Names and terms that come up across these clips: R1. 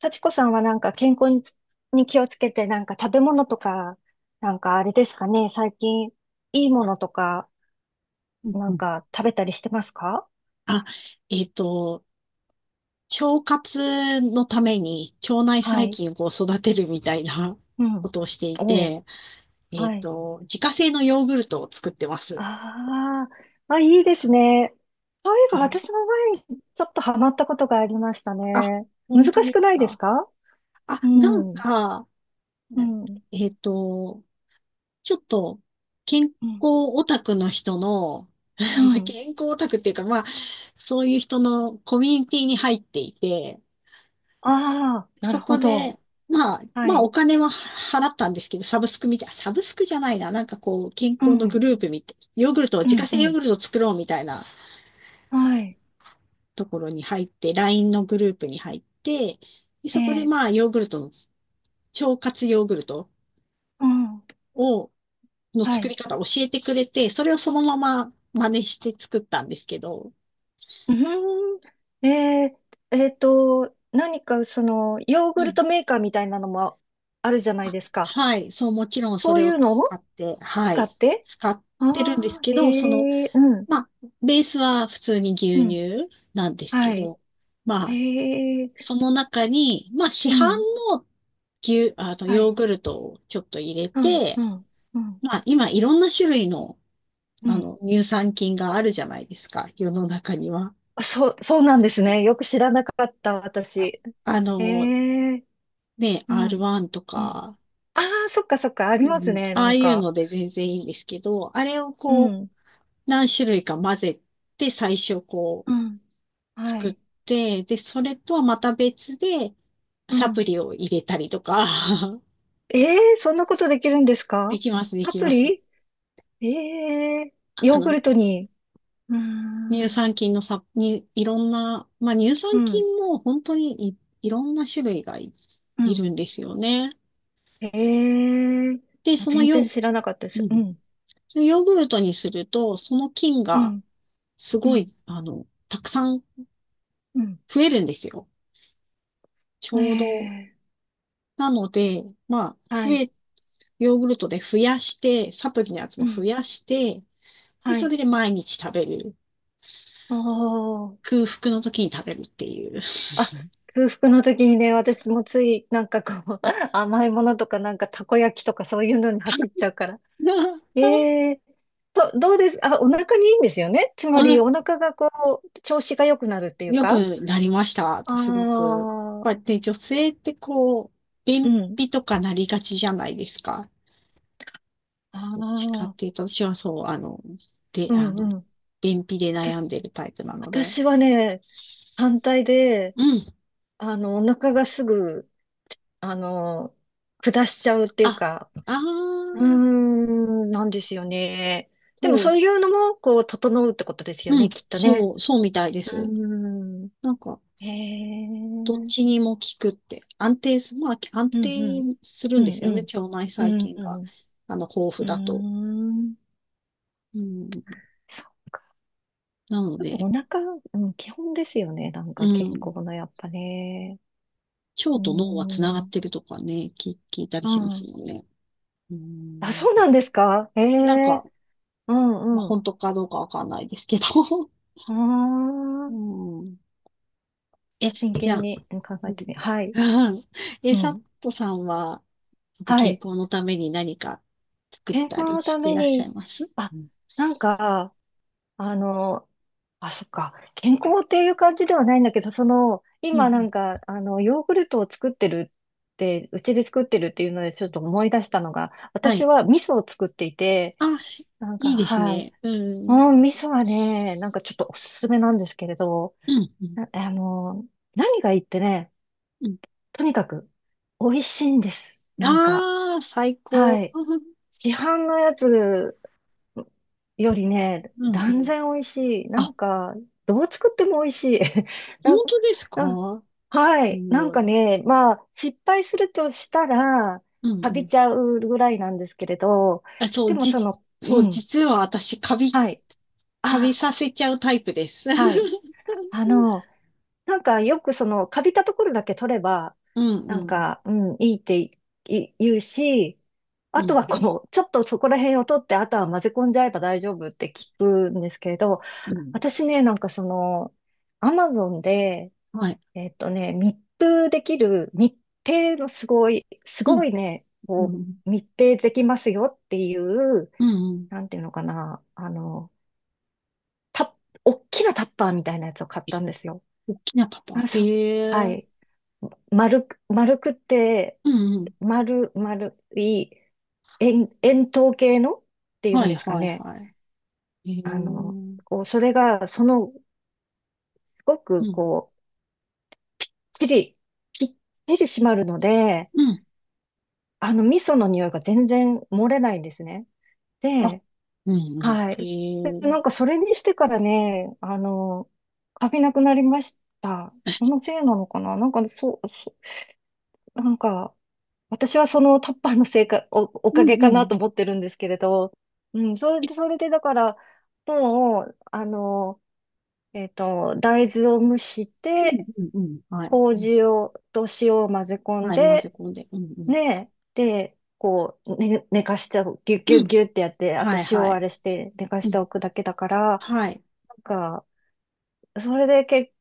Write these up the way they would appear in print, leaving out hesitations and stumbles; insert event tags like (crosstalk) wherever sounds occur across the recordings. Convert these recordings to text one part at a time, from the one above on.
幸子さんはなんか健康にに気をつけて、なんか食べ物とか、なんかあれですかね、最近いいものとか、うんなうんん。か食べたりしてますか？あ、えっと、腸活のために腸内は細い。菌をこう育てるみたいなうこん。とをしていおう。て、はい。自家製のヨーグルトを作ってます。ああ、まあ、いいですね。そういえはばい。私の前にちょっとハマったことがありましたあ、ね。難本当しでくすないですか？か？うあ、なんん。か、うね。ん。えっと、ちょっと健康うん。オタクの人の、う (laughs) ん。健康オタクっていうか、まあ、そういう人のコミュニティに入っていて、ああ、なるそこほど。で、まあ、はまあおい。金は払ったんですけど、サブスクじゃないな、なんかこう、健う康のグん。ループみたい、ヨーグルトを、う自家ん。う製ヨーん。グルトを作ろうみたいなはい。ところに入って、LINE のグループに入って、でえそこでえ。まあヨーグルトの、腸活ヨーグルトうん。を、のは作い。り方を教えてくれて、それをそのまま真似して作ったんですけど、うーん。何かその、ヨーうグルん。トメーカーみたいなのもあるじゃないあ、ですか。はい、そう、もちろんそそうれいをうの使をって、は使っい、て。使っあてるんですあけー、ど、その、えー、うん、まあ、ベースは普通にう牛ん。乳なんですはけい。ど、えまあ、ー、その中に、まあ、市う販ん、の牛、あの、はヨーい。グルトをちょっと入れうん、て、うん、うん、まあ、今いろんな種類の、うあん。の、乳酸菌があるじゃないですか、世の中には。あ、そう、そうなんですね。よく知らなかった、あ、私。あえの、ー、ね、うん、R1 とうん。か、ああ、そっかそっか、ありうますん、ね、なああんいうか。ので全然いいんですけど、あれをうこう、ん、何種類か混ぜて、最初こうん、う、は作っい。て、で、それとはまた別で、うサプん。リを入れたりとか、(laughs) ええー、そんなことできるんですでか？きます、でアきプます。リ？ええー、あヨーグの、ルトに。うーん、乳う酸ん、菌も本当にいろんな種類がういん。るんですよね。ええー、で、あ、その全然ヨ、知らなかったでうす。うん、ん、そのヨーグルトにすると、その菌うがん、すうごん、い、あの、たくさんうん。増えるんですよ。ちょうど。ええなので、まあ、ー、は増い、え、ヨーグルトで増やして、サプリのやつうも増ん、やして、で、はそい。れで毎日食べる。おー。空腹の時に食べるっていう。あ、空腹の時にね、私もつい、なんかこう、(laughs) 甘いものとか、なんかたこ焼きとかそういうのに走っちゃうから。(laughs) ええと、どうです、あ、お腹にいいんですよね。つおまり、腹お腹がこう、調子が良くなるっていう良か。くなりました。あすごく。あ、こうやって女性ってこう、う便ん。秘とかなりがちじゃないですか。あどっちかっあ、ていうと、私はそう、あの、で、うあの、んうん。便秘で悩私、んでるタイプなので。私はね、反対で、うん。あの、お腹がすぐ、あの、下しちゃうっていうあ、か、あうーー、ん、なんですよね。でも、そう、そういうのも、こう、整うってことですようん、ね、きっとね。そう、そうみたいでうーす。ん。なんか、へえ。うどっんちにも効くって。安定す、まあ、安うん。定するうんでんすようね。ん。腸内う細ん菌うが、ん、あの、豊う富ーだと。ん。うん、そう。なのやっぱで、お腹、うん、基本ですよね。なんうか健ん。康のやっぱね。う腸ーと脳はつながっん。てるとかね、聞いたりうしますん。もんね。うあ、ん。そうなんですか、えなんえ、か、うまあ、んうん。本当かどうかわかんないですけど。う (laughs) ーうん。ん。え、真じゃ剣あ、にうん考うえてん。み、は (laughs) い。うんえうじゃあうんえサッん。トさんは、やっぱは健い。康のために何か作っ健康たりのしたていめらっしゃに、いますあ、うん。なんか、あの、あ、そっか。健康っていう感じではないんだけど、その、うんう今なん、んか、あの、ヨーグルトを作ってるって、うちで作ってるっていうので、ちょっと思い出したのが、は私い。は味噌を作っていて、あ、なんか、いいですはい。ね。ううん。ん、味噌はね、なんかちょっとおすすめなんですけれど、うん。うん。なあの、何がいいってね、うん。とにかく、美味しいんです。なんか、ああー、最は高。い。うん。市販のやつよりね、う断ん。然美味しい。なんあ、か、どう作っても美味しい。(laughs) 本なん、当ですなん、か？はすい。なんごかい。ね、まあ、失敗するとしたら、うんかうびん。ちゃうぐらいなんですけれど、あ、そでう、もじ、その、そうう、ん、実は私、はい。カビあ、させちゃうタイプです。(laughs) はい。あの、なんかよくその、かびたところだけ取れば、うん、うなんん、か、うん、いいっていい言うし、あうとん、はこう、ちょっとそこら辺を取って、あとは混ぜ込んじゃえば大丈夫って聞くんですけれど、うん。私ね、なんかその、アマゾンで、はい。えっとね、密封できる、密閉のすごい、すうごん、いね、うこん、う、密閉できますよっていう、うん、うん。なんていうのかな、あの、タッ、おっきなタッパーみたいなやつを買ったんですよ。大きなパパ。あ、へそう。はえ。い。丸く、丸くて、うん、うん。丸、丸い、円、円筒形のっていうはんい、ですかはい、ね。はい。へえ。うあの、ん、こう、それが、その、すごく、こう、ちり、ぴっちり締まるので、うん。あの、味噌の匂いが全然漏れないんですね。あ、で、うん、うはん。へい。で、なんかえ。それにしてからね、あの、カビなくなりました。そのせいなのかな、なんか、そう、そう、なんか、私はそのタッパーのせいか、お、おかうん、げうかなん。と思ってるんですけれど、うん、それえ、で、それでだから、もう、あの、えっと、大豆を蒸しうん、て、うん、うん。はい。うん。麹を、と塩を混ぜ込んはい、混ぜで、込んで。うん、うねえ。で、こう、ね、寝かしておく、ぎゅっん。ぎゅうっん。ぎゅってやって、あとはい、塩はあい。れして寝かしうてん。おくだけだから、はい。なんか、それでけ、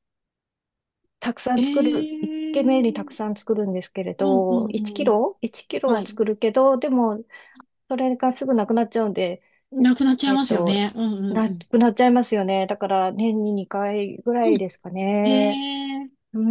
たくさえん作る、一軒目にたくえ。さん作るんですけれうん、うど、1ん、キうん。ロ ?1 キロはをい。作るけど、でも、それがすぐなくなっちゃうんで、なくなっちゃいえまっすよと、ね。うんうんなうん。くなっちゃいますよね。だから、年に2回ぐらういん。ですかへね。え。うー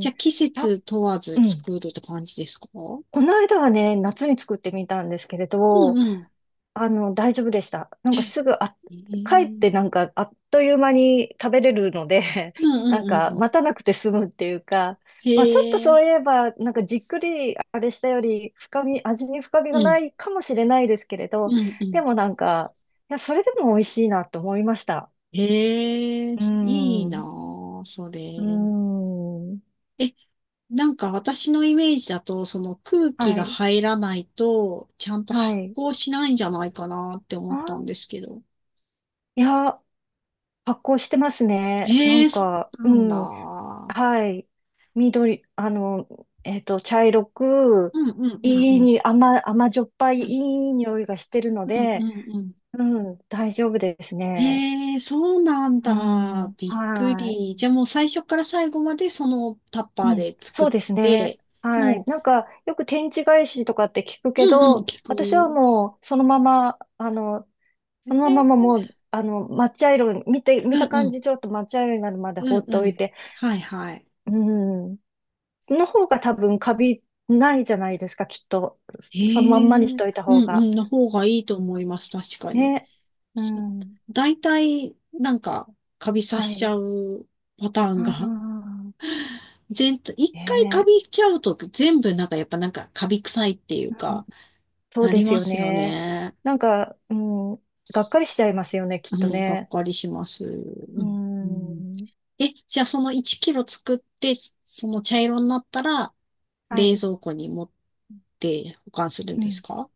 じん。ゃあ季あ、節問わずうん。作るって感じですか？うん。この間はね、夏に作ってみたんですけれど、うん。あの、大丈夫でした。なんかすぐ、あ、へ帰っえ。てなんかあっという間に食べれるので、 うん (laughs) なうんかんうん。待たなくて済むっていうか、まあちょっとへえ。そういえば、なんかじっくりあれしたより深み、味に深みがうなん。いかもしれないですけれど、うんうでん。もなんか、いや、それでも美味しいなと思いました。へえ。うーいいん、なうあ、それ。ーん、え、なんか私のイメージだと、その空気はがい、入らないと、ちゃんとは発い。酵しないんじゃないかなってあ、思ったんですけど。いや、発酵してますね。なへんえ、そか、うなうんだ。ん。うはい。緑、あの、えっと、茶色く、んうんうんういいん。に、甘、甘じょっぱいういんい匂いがしてるのうんで、うんうん。うん、大丈夫ですね。ええ、そうなんうだ。ん、びっくはい。り。じゃあもう最初から最後までそのタッパーうん、で作そっうですね。て、はい。もなんか、よく天地返しとかって聞くう、けうんうん、ど、聞私はく。もう、そのまま、あの、そのままええ、もう、あの、抹茶色、見て、見うたんう感ん、じ、ちょっと抹茶色になるまでう放んってうおいん。て、はいはい。うん、の方が多分カビないじゃないですか、きっと。えそのまんまえ、にしといたう方んが。うん、の方がいいとう思ん、います。確かに。ね。うそ、ん。大体、なんか、カビさはしちい。ゃうパターあンが、あ、全体、一回カねビちゃうと全部なんかやっぱなんかカビ臭いっていうえ、うん。か、そうなでりすまよすよね。ね。なんか、うん、がっかりしちゃいますよね、きはっとい、がっね。かりします。ううん、うん。ん。え、じゃあその1キロ作って、その茶色になったら、は冷い。蔵庫に持って保管するんうですん。か？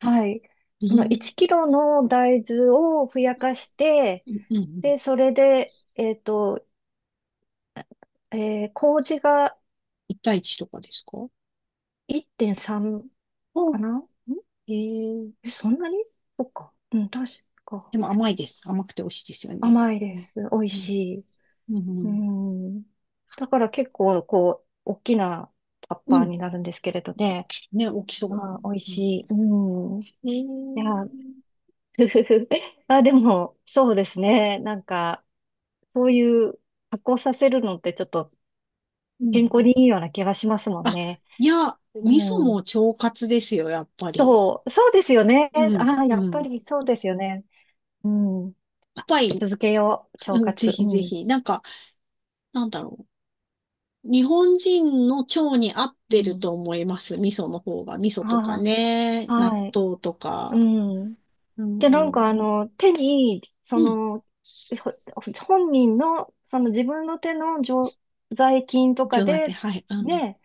はい。うそのん。1キロの大豆をふやかして、うん、うん。で、それで、えっと、えー麹が1対1とかですか？1.3かあ、な。えー、え、そんなに？そっか。うん、確か。でも甘いです。甘くて美味しいですよね。甘いうでん、す。美味うん、しい。ううん。ん。だから結構、こう、大きなタッうんパーうん。になるんですけれどね。ね、大きそあー、美味う。うしん、い。うん。いえや、ー、(laughs) ふふふ。あ、でも、そうですね。なんか、そういう発酵させるのってちょっとうん。う健康ん。にいいような気がしますもんあ、ね。いや、味噌うもん。腸活ですよ、やっぱり。そう、そうですよね。うん、ああ、うやっぱん。りそうですよね。うん。パパイヤ。続けよう、う腸ん、ぜ活。ひぜうん。ひ。なんか、なんだろう。日本人の腸に合っうてるん。と思います。味噌の方が。味噌とかあね、あ。納はい。豆とうか。ん。うんで、なうんかあん。の、手に、そうん。の、ほ本人の、その自分の手の常在菌と一か応だけ。で、はい。うん。ね、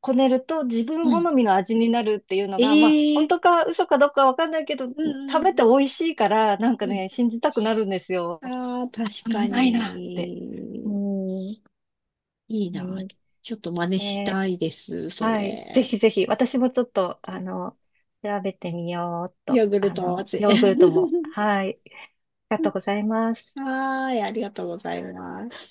こねると自う分好ん。みの味になるっていうのえが、まあ、え本ー。当か嘘かどうかわかんないけど、うんう食べてん。美味しいから、なんかうん。ね、信じたくなるんですよ。ああ、(laughs) 確うかまいなって。うに。ん。ういいな。ん、ちょっと真似しえたー、いです、そはい。ぜれ。ひぜひ、私もちょっと、あの、調べてみようっヨと。ーグルあトの、味。ヨーグルトも。(laughs) はい。ありがとうございます。はーい、ありがとうございます。